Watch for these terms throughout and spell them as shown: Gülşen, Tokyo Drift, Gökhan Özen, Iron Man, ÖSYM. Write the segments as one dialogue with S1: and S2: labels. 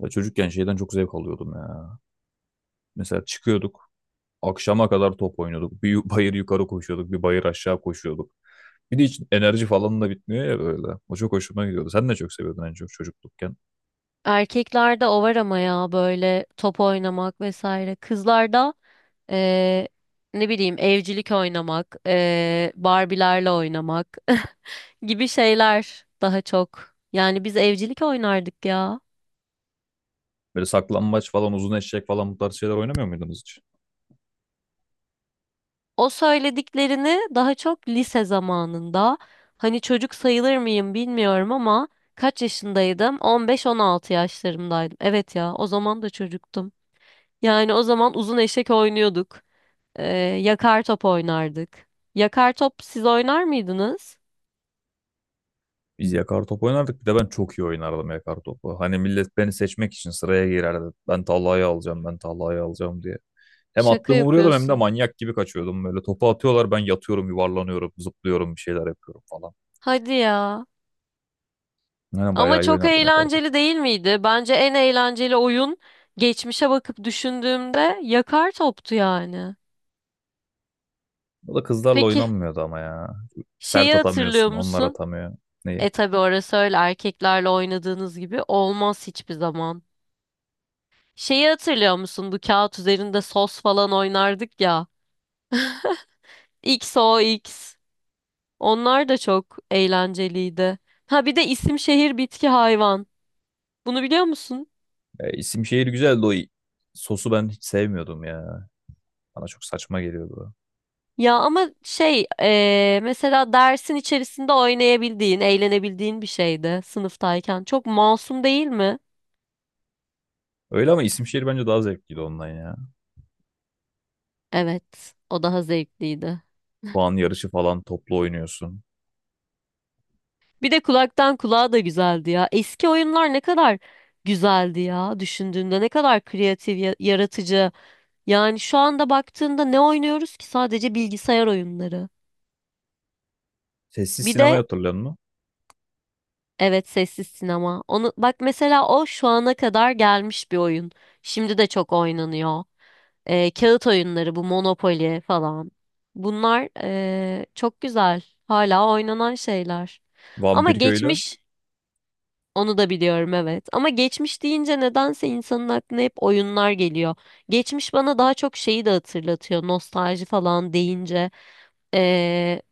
S1: Ya çocukken şeyden çok zevk alıyordum ya. Mesela çıkıyorduk, akşama kadar top oynuyorduk. Bir bayır yukarı koşuyorduk, bir bayır aşağı koşuyorduk. Bir de hiç enerji falan da bitmiyor ya böyle. O çok hoşuma gidiyordu. Sen ne çok seviyordun en çok çocuklukken.
S2: Erkeklerde o var ama ya böyle top oynamak vesaire. Kızlarda eee, ne bileyim evcilik oynamak, Barbie'lerle oynamak gibi şeyler daha çok. Yani biz evcilik oynardık ya.
S1: Böyle saklambaç falan, uzun eşek falan bu tarz şeyler oynamıyor muydunuz hiç?
S2: O söylediklerini daha çok lise zamanında, hani çocuk sayılır mıyım bilmiyorum ama kaç yaşındaydım? 15-16 yaşlarımdaydım. Evet ya o zaman da çocuktum. Yani o zaman uzun eşek oynuyorduk. Ee, yakar top oynardık. Yakar top siz oynar mıydınız?
S1: Biz yakar top oynardık. Bir de ben çok iyi oynardım yakar topu. Hani millet beni seçmek için sıraya girerdi. Ben tallayı alacağım, ben tallayı alacağım diye. Hem
S2: Şaka
S1: attığımı vuruyordum hem de
S2: yapıyorsun.
S1: manyak gibi kaçıyordum. Böyle topu atıyorlar ben yatıyorum, yuvarlanıyorum, zıplıyorum, bir şeyler yapıyorum falan.
S2: Hadi ya.
S1: Yani
S2: Ama
S1: bayağı iyi
S2: çok
S1: oynardı ne kadar top.
S2: eğlenceli değil miydi? Bence en eğlenceli oyun, geçmişe bakıp düşündüğümde, yakar toptu yani.
S1: O da kızlarla
S2: Peki,
S1: oynanmıyordu ama ya. Sert
S2: şeyi hatırlıyor
S1: atamıyorsun, onlar
S2: musun?
S1: atamıyor. Neyi?
S2: E tabii orası öyle erkeklerle oynadığınız gibi olmaz hiçbir zaman. Şeyi hatırlıyor musun? Bu kağıt üzerinde sos falan oynardık ya. X o X. Onlar da çok eğlenceliydi. Ha bir de isim şehir bitki hayvan. Bunu biliyor musun?
S1: E, isim şehir güzeldi o. Sosu ben hiç sevmiyordum ya. Bana çok saçma geliyordu.
S2: Ya ama şey mesela dersin içerisinde oynayabildiğin, eğlenebildiğin bir şeydi sınıftayken. Çok masum değil mi?
S1: Öyle ama isim şehir bence daha zevkliydi ondan ya.
S2: Evet, o daha zevkliydi.
S1: Puan yarışı falan toplu oynuyorsun.
S2: Bir de kulaktan kulağa da güzeldi ya. Eski oyunlar ne kadar güzeldi ya. Düşündüğünde ne kadar kreatif, yaratıcı. Yani şu anda baktığında ne oynuyoruz ki? Sadece bilgisayar oyunları.
S1: Sessiz
S2: Bir
S1: sinema
S2: de,
S1: hatırlıyor musun?
S2: evet sessiz sinema. Onu bak mesela, o şu ana kadar gelmiş bir oyun. Şimdi de çok oynanıyor. Kağıt oyunları bu Monopoly falan. Bunlar çok güzel. Hala oynanan şeyler. Ama
S1: Vampir köylü.
S2: geçmiş, onu da biliyorum evet. Ama geçmiş deyince nedense insanın aklına hep oyunlar geliyor. Geçmiş bana daha çok şeyi de hatırlatıyor. Nostalji falan deyince. Ee,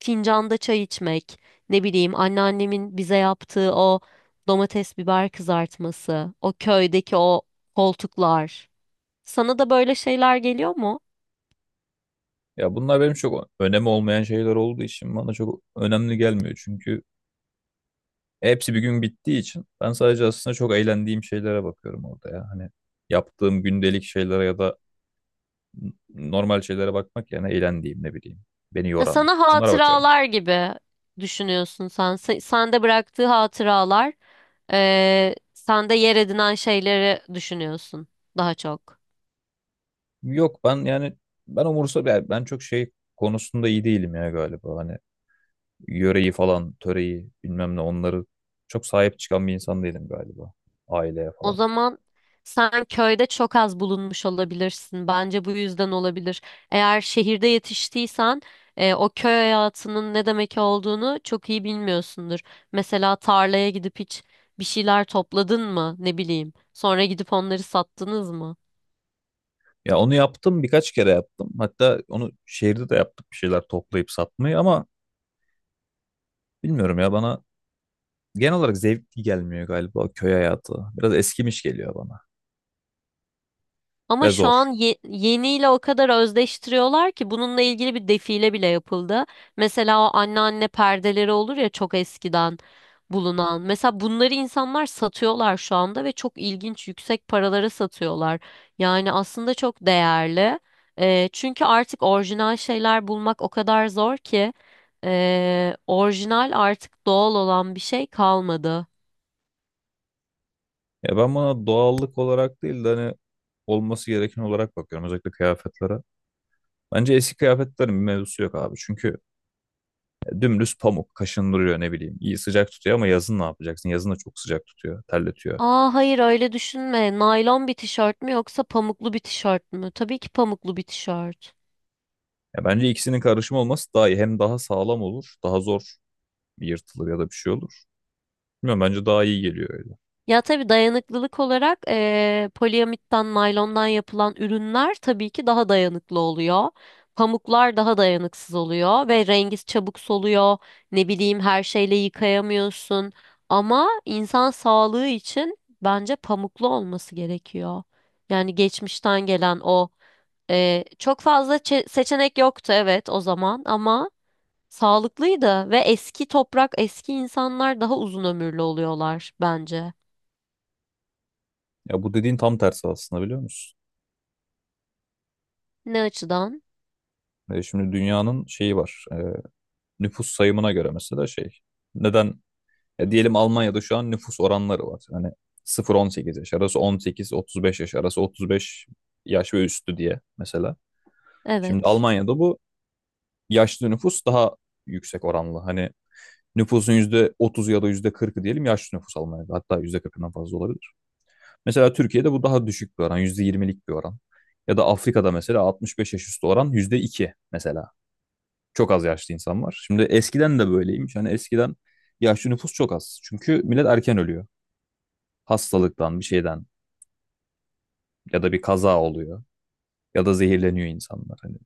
S2: fincanda çay içmek. Ne bileyim anneannemin bize yaptığı o domates biber kızartması. O köydeki o koltuklar. Sana da böyle şeyler geliyor mu?
S1: Ya bunlar benim çok önemi olmayan şeyler olduğu için bana çok önemli gelmiyor. Çünkü hepsi bir gün bittiği için ben sadece aslında çok eğlendiğim şeylere bakıyorum orada ya. Hani yaptığım gündelik şeylere ya da normal şeylere bakmak yerine eğlendiğim ne bileyim beni
S2: Ya
S1: yoran
S2: sana
S1: bunlara bakıyorum.
S2: hatıralar gibi düşünüyorsun sen. Sende bıraktığı hatıralar, sende yer edinen şeyleri düşünüyorsun daha çok.
S1: Yok ben yani ben umursa ben ben çok şey konusunda iyi değilim ya galiba hani yöreyi falan töreyi bilmem ne onları çok sahip çıkan bir insan değilim galiba aileye
S2: O
S1: falan.
S2: zaman sen köyde çok az bulunmuş olabilirsin. Bence bu yüzden olabilir. Eğer şehirde yetiştiysen, o köy hayatının ne demek olduğunu çok iyi bilmiyorsundur. Mesela tarlaya gidip hiç bir şeyler topladın mı? Ne bileyim. Sonra gidip onları sattınız mı?
S1: Ya onu yaptım birkaç kere yaptım, hatta onu şehirde de yaptık, bir şeyler toplayıp satmayı, ama bilmiyorum ya, bana genel olarak zevkli gelmiyor galiba köy hayatı, biraz eskimiş geliyor bana
S2: Ama
S1: ve
S2: şu an
S1: zor.
S2: yeniyle o kadar özdeştiriyorlar ki bununla ilgili bir defile bile yapıldı. Mesela o anneanne perdeleri olur ya, çok eskiden bulunan. Mesela bunları insanlar satıyorlar şu anda ve çok ilginç, yüksek paralara satıyorlar. Yani aslında çok değerli. Çünkü artık orijinal şeyler bulmak o kadar zor ki, orijinal, artık doğal olan bir şey kalmadı.
S1: Ya ben buna doğallık olarak değil de hani olması gereken olarak bakıyorum, özellikle kıyafetlere. Bence eski kıyafetlerin bir mevzusu yok abi. Çünkü dümdüz pamuk kaşındırıyor ne bileyim. İyi sıcak tutuyor ama yazın ne yapacaksın? Yazın da çok sıcak tutuyor, terletiyor.
S2: Aa hayır, öyle düşünme. Naylon bir tişört mü yoksa pamuklu bir tişört mü? Tabii ki pamuklu bir tişört.
S1: Ya bence ikisinin karışımı olması daha iyi. Hem daha sağlam olur, daha zor yırtılır ya da bir şey olur. Bilmiyorum, bence daha iyi geliyor öyle.
S2: Ya tabii dayanıklılık olarak poliamitten, naylondan yapılan ürünler tabii ki daha dayanıklı oluyor. Pamuklar daha dayanıksız oluyor ve rengi çabuk soluyor. Ne bileyim, her şeyle yıkayamıyorsun. Ama insan sağlığı için bence pamuklu olması gerekiyor. Yani geçmişten gelen o, çok fazla seçenek yoktu, evet, o zaman ama sağlıklıydı ve eski toprak, eski insanlar daha uzun ömürlü oluyorlar bence.
S1: Ya bu dediğin tam tersi aslında, biliyor musun?
S2: Ne açıdan?
S1: Şimdi dünyanın şeyi var. Nüfus sayımına göre mesela şey. Neden Ya diyelim Almanya'da şu an nüfus oranları var. Hani 0-18 yaş arası, 18-35 yaş arası, 35 yaş ve üstü diye mesela. Şimdi
S2: Evet.
S1: Almanya'da bu yaşlı nüfus daha yüksek oranlı. Hani nüfusun %30 ya da %40'ı diyelim yaşlı nüfus Almanya'da. Hatta %40'ından fazla olabilir. Mesela Türkiye'de bu daha düşük bir oran, %20'lik bir oran. Ya da Afrika'da mesela 65 yaş üstü oran %2 mesela. Çok az yaşlı insan var. Şimdi eskiden de böyleymiş. Hani eskiden yaşlı nüfus çok az. Çünkü millet erken ölüyor, hastalıktan bir şeyden, ya da bir kaza oluyor, ya da zehirleniyor insanlar hani.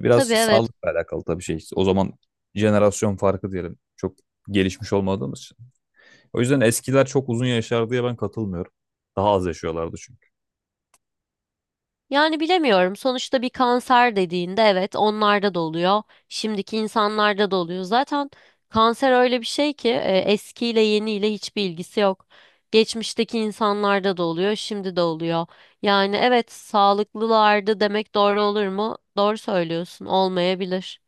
S1: Biraz
S2: Tabii, evet.
S1: sağlıkla alakalı tabii şey, o zaman. Jenerasyon farkı diyelim. Çok gelişmiş olmadığımız için. O yüzden eskiler çok uzun yaşar diye ben katılmıyorum. Daha az yaşıyorlardı çünkü.
S2: Yani bilemiyorum. Sonuçta bir kanser dediğinde, evet, onlarda da oluyor. Şimdiki insanlarda da oluyor. Zaten kanser öyle bir şey ki, eskiyle yeniyle hiçbir ilgisi yok. Geçmişteki insanlarda da oluyor, şimdi de oluyor. Yani evet sağlıklılardı demek doğru olur mu? Doğru söylüyorsun. Olmayabilir.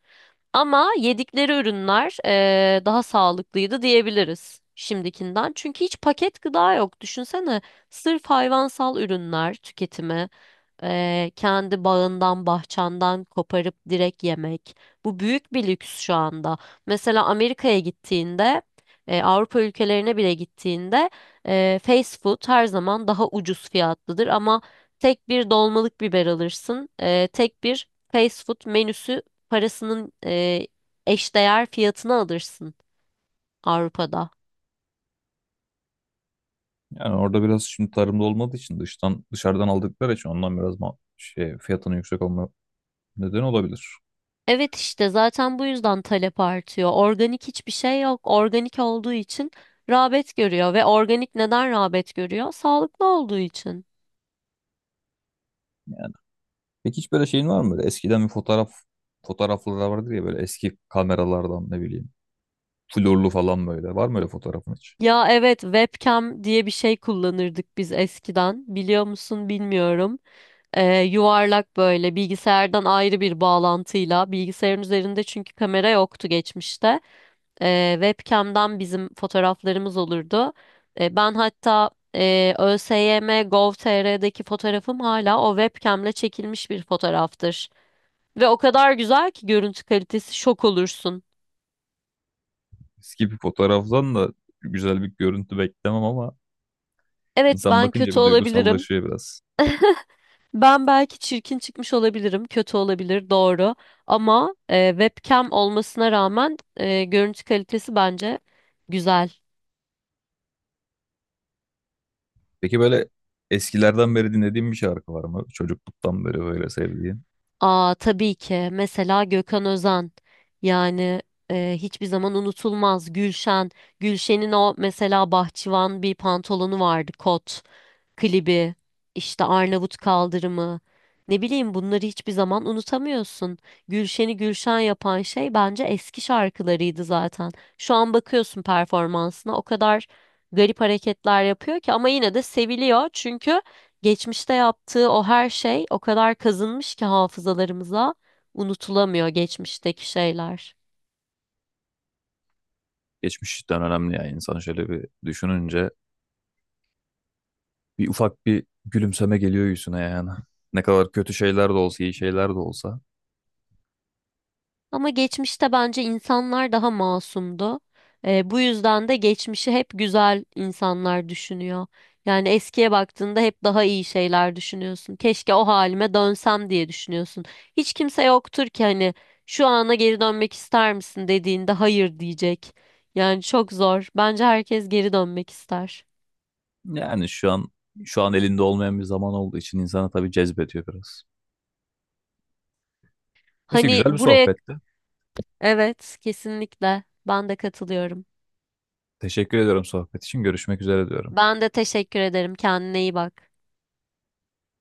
S2: Ama yedikleri ürünler, daha sağlıklıydı diyebiliriz şimdikinden. Çünkü hiç paket gıda yok. Düşünsene, sırf hayvansal ürünler tüketimi. Kendi bağından, bahçenden koparıp direkt yemek. Bu büyük bir lüks şu anda. Mesela Amerika'ya gittiğinde, Avrupa ülkelerine bile gittiğinde, fast food her zaman daha ucuz fiyatlıdır ama tek bir dolmalık biber alırsın. Tek bir fast food menüsü parasının eşdeğer fiyatına alırsın Avrupa'da.
S1: Yani orada biraz şimdi tarımda olmadığı için, dışarıdan aldıkları için, ondan biraz şey fiyatının yüksek olma nedeni olabilir.
S2: Evet, işte zaten bu yüzden talep artıyor. Organik hiçbir şey yok. Organik olduğu için rağbet görüyor ve organik neden rağbet görüyor? Sağlıklı olduğu için.
S1: Yani peki hiç böyle şeyin var mı, böyle eskiden bir fotoğrafları vardır ya, böyle eski kameralardan ne bileyim florlu falan, böyle var mı öyle fotoğrafın hiç?
S2: Ya evet, webcam diye bir şey kullanırdık biz eskiden. Biliyor musun bilmiyorum. Yuvarlak böyle, bilgisayardan ayrı bir bağlantıyla bilgisayarın üzerinde, çünkü kamera yoktu geçmişte. Webcam'dan bizim fotoğraflarımız olurdu. Ben hatta ÖSYM fotoğrafım hala o webcam'le çekilmiş bir fotoğraftır. Ve o kadar güzel ki görüntü kalitesi, şok olursun.
S1: Eski bir fotoğraftan da güzel bir görüntü beklemem ama
S2: Evet,
S1: insan
S2: ben
S1: bakınca
S2: kötü
S1: bir
S2: olabilirim.
S1: duygusallaşıyor biraz.
S2: Ben belki çirkin çıkmış olabilirim, kötü olabilir, doğru. Ama webcam olmasına rağmen görüntü kalitesi bence güzel.
S1: Peki böyle eskilerden beri dinlediğin bir şarkı var mı? Çocukluktan beri böyle sevdiğin.
S2: Aa tabii ki. Mesela Gökhan Özen. Yani hiçbir zaman unutulmaz. Gülşen. Gülşen'in o mesela bahçıvan bir pantolonu vardı kot klibi, işte Arnavut kaldırımı, ne bileyim, bunları hiçbir zaman unutamıyorsun. Gülşen'i Gülşen yapan şey bence eski şarkılarıydı zaten. Şu an bakıyorsun performansına, o kadar garip hareketler yapıyor ki, ama yine de seviliyor çünkü geçmişte yaptığı o her şey o kadar kazınmış ki hafızalarımıza, unutulamıyor geçmişteki şeyler.
S1: Geçmişten önemli yani, insan şöyle bir düşününce bir ufak bir gülümseme geliyor yüzüne yani. Ne kadar kötü şeyler de olsa, iyi şeyler de olsa.
S2: Ama geçmişte bence insanlar daha masumdu. Bu yüzden de geçmişi hep güzel insanlar düşünüyor. Yani eskiye baktığında hep daha iyi şeyler düşünüyorsun. Keşke o halime dönsem diye düşünüyorsun. Hiç kimse yoktur ki hani şu ana geri dönmek ister misin dediğinde hayır diyecek. Yani çok zor. Bence herkes geri dönmek ister.
S1: Yani şu an elinde olmayan bir zaman olduğu için insana tabii cezbediyor biraz. Neyse,
S2: Hani
S1: güzel bir
S2: buraya,
S1: sohbetti.
S2: evet, kesinlikle ben de katılıyorum.
S1: Teşekkür ediyorum sohbet için. Görüşmek üzere diyorum.
S2: Ben de teşekkür ederim. Kendine iyi bak.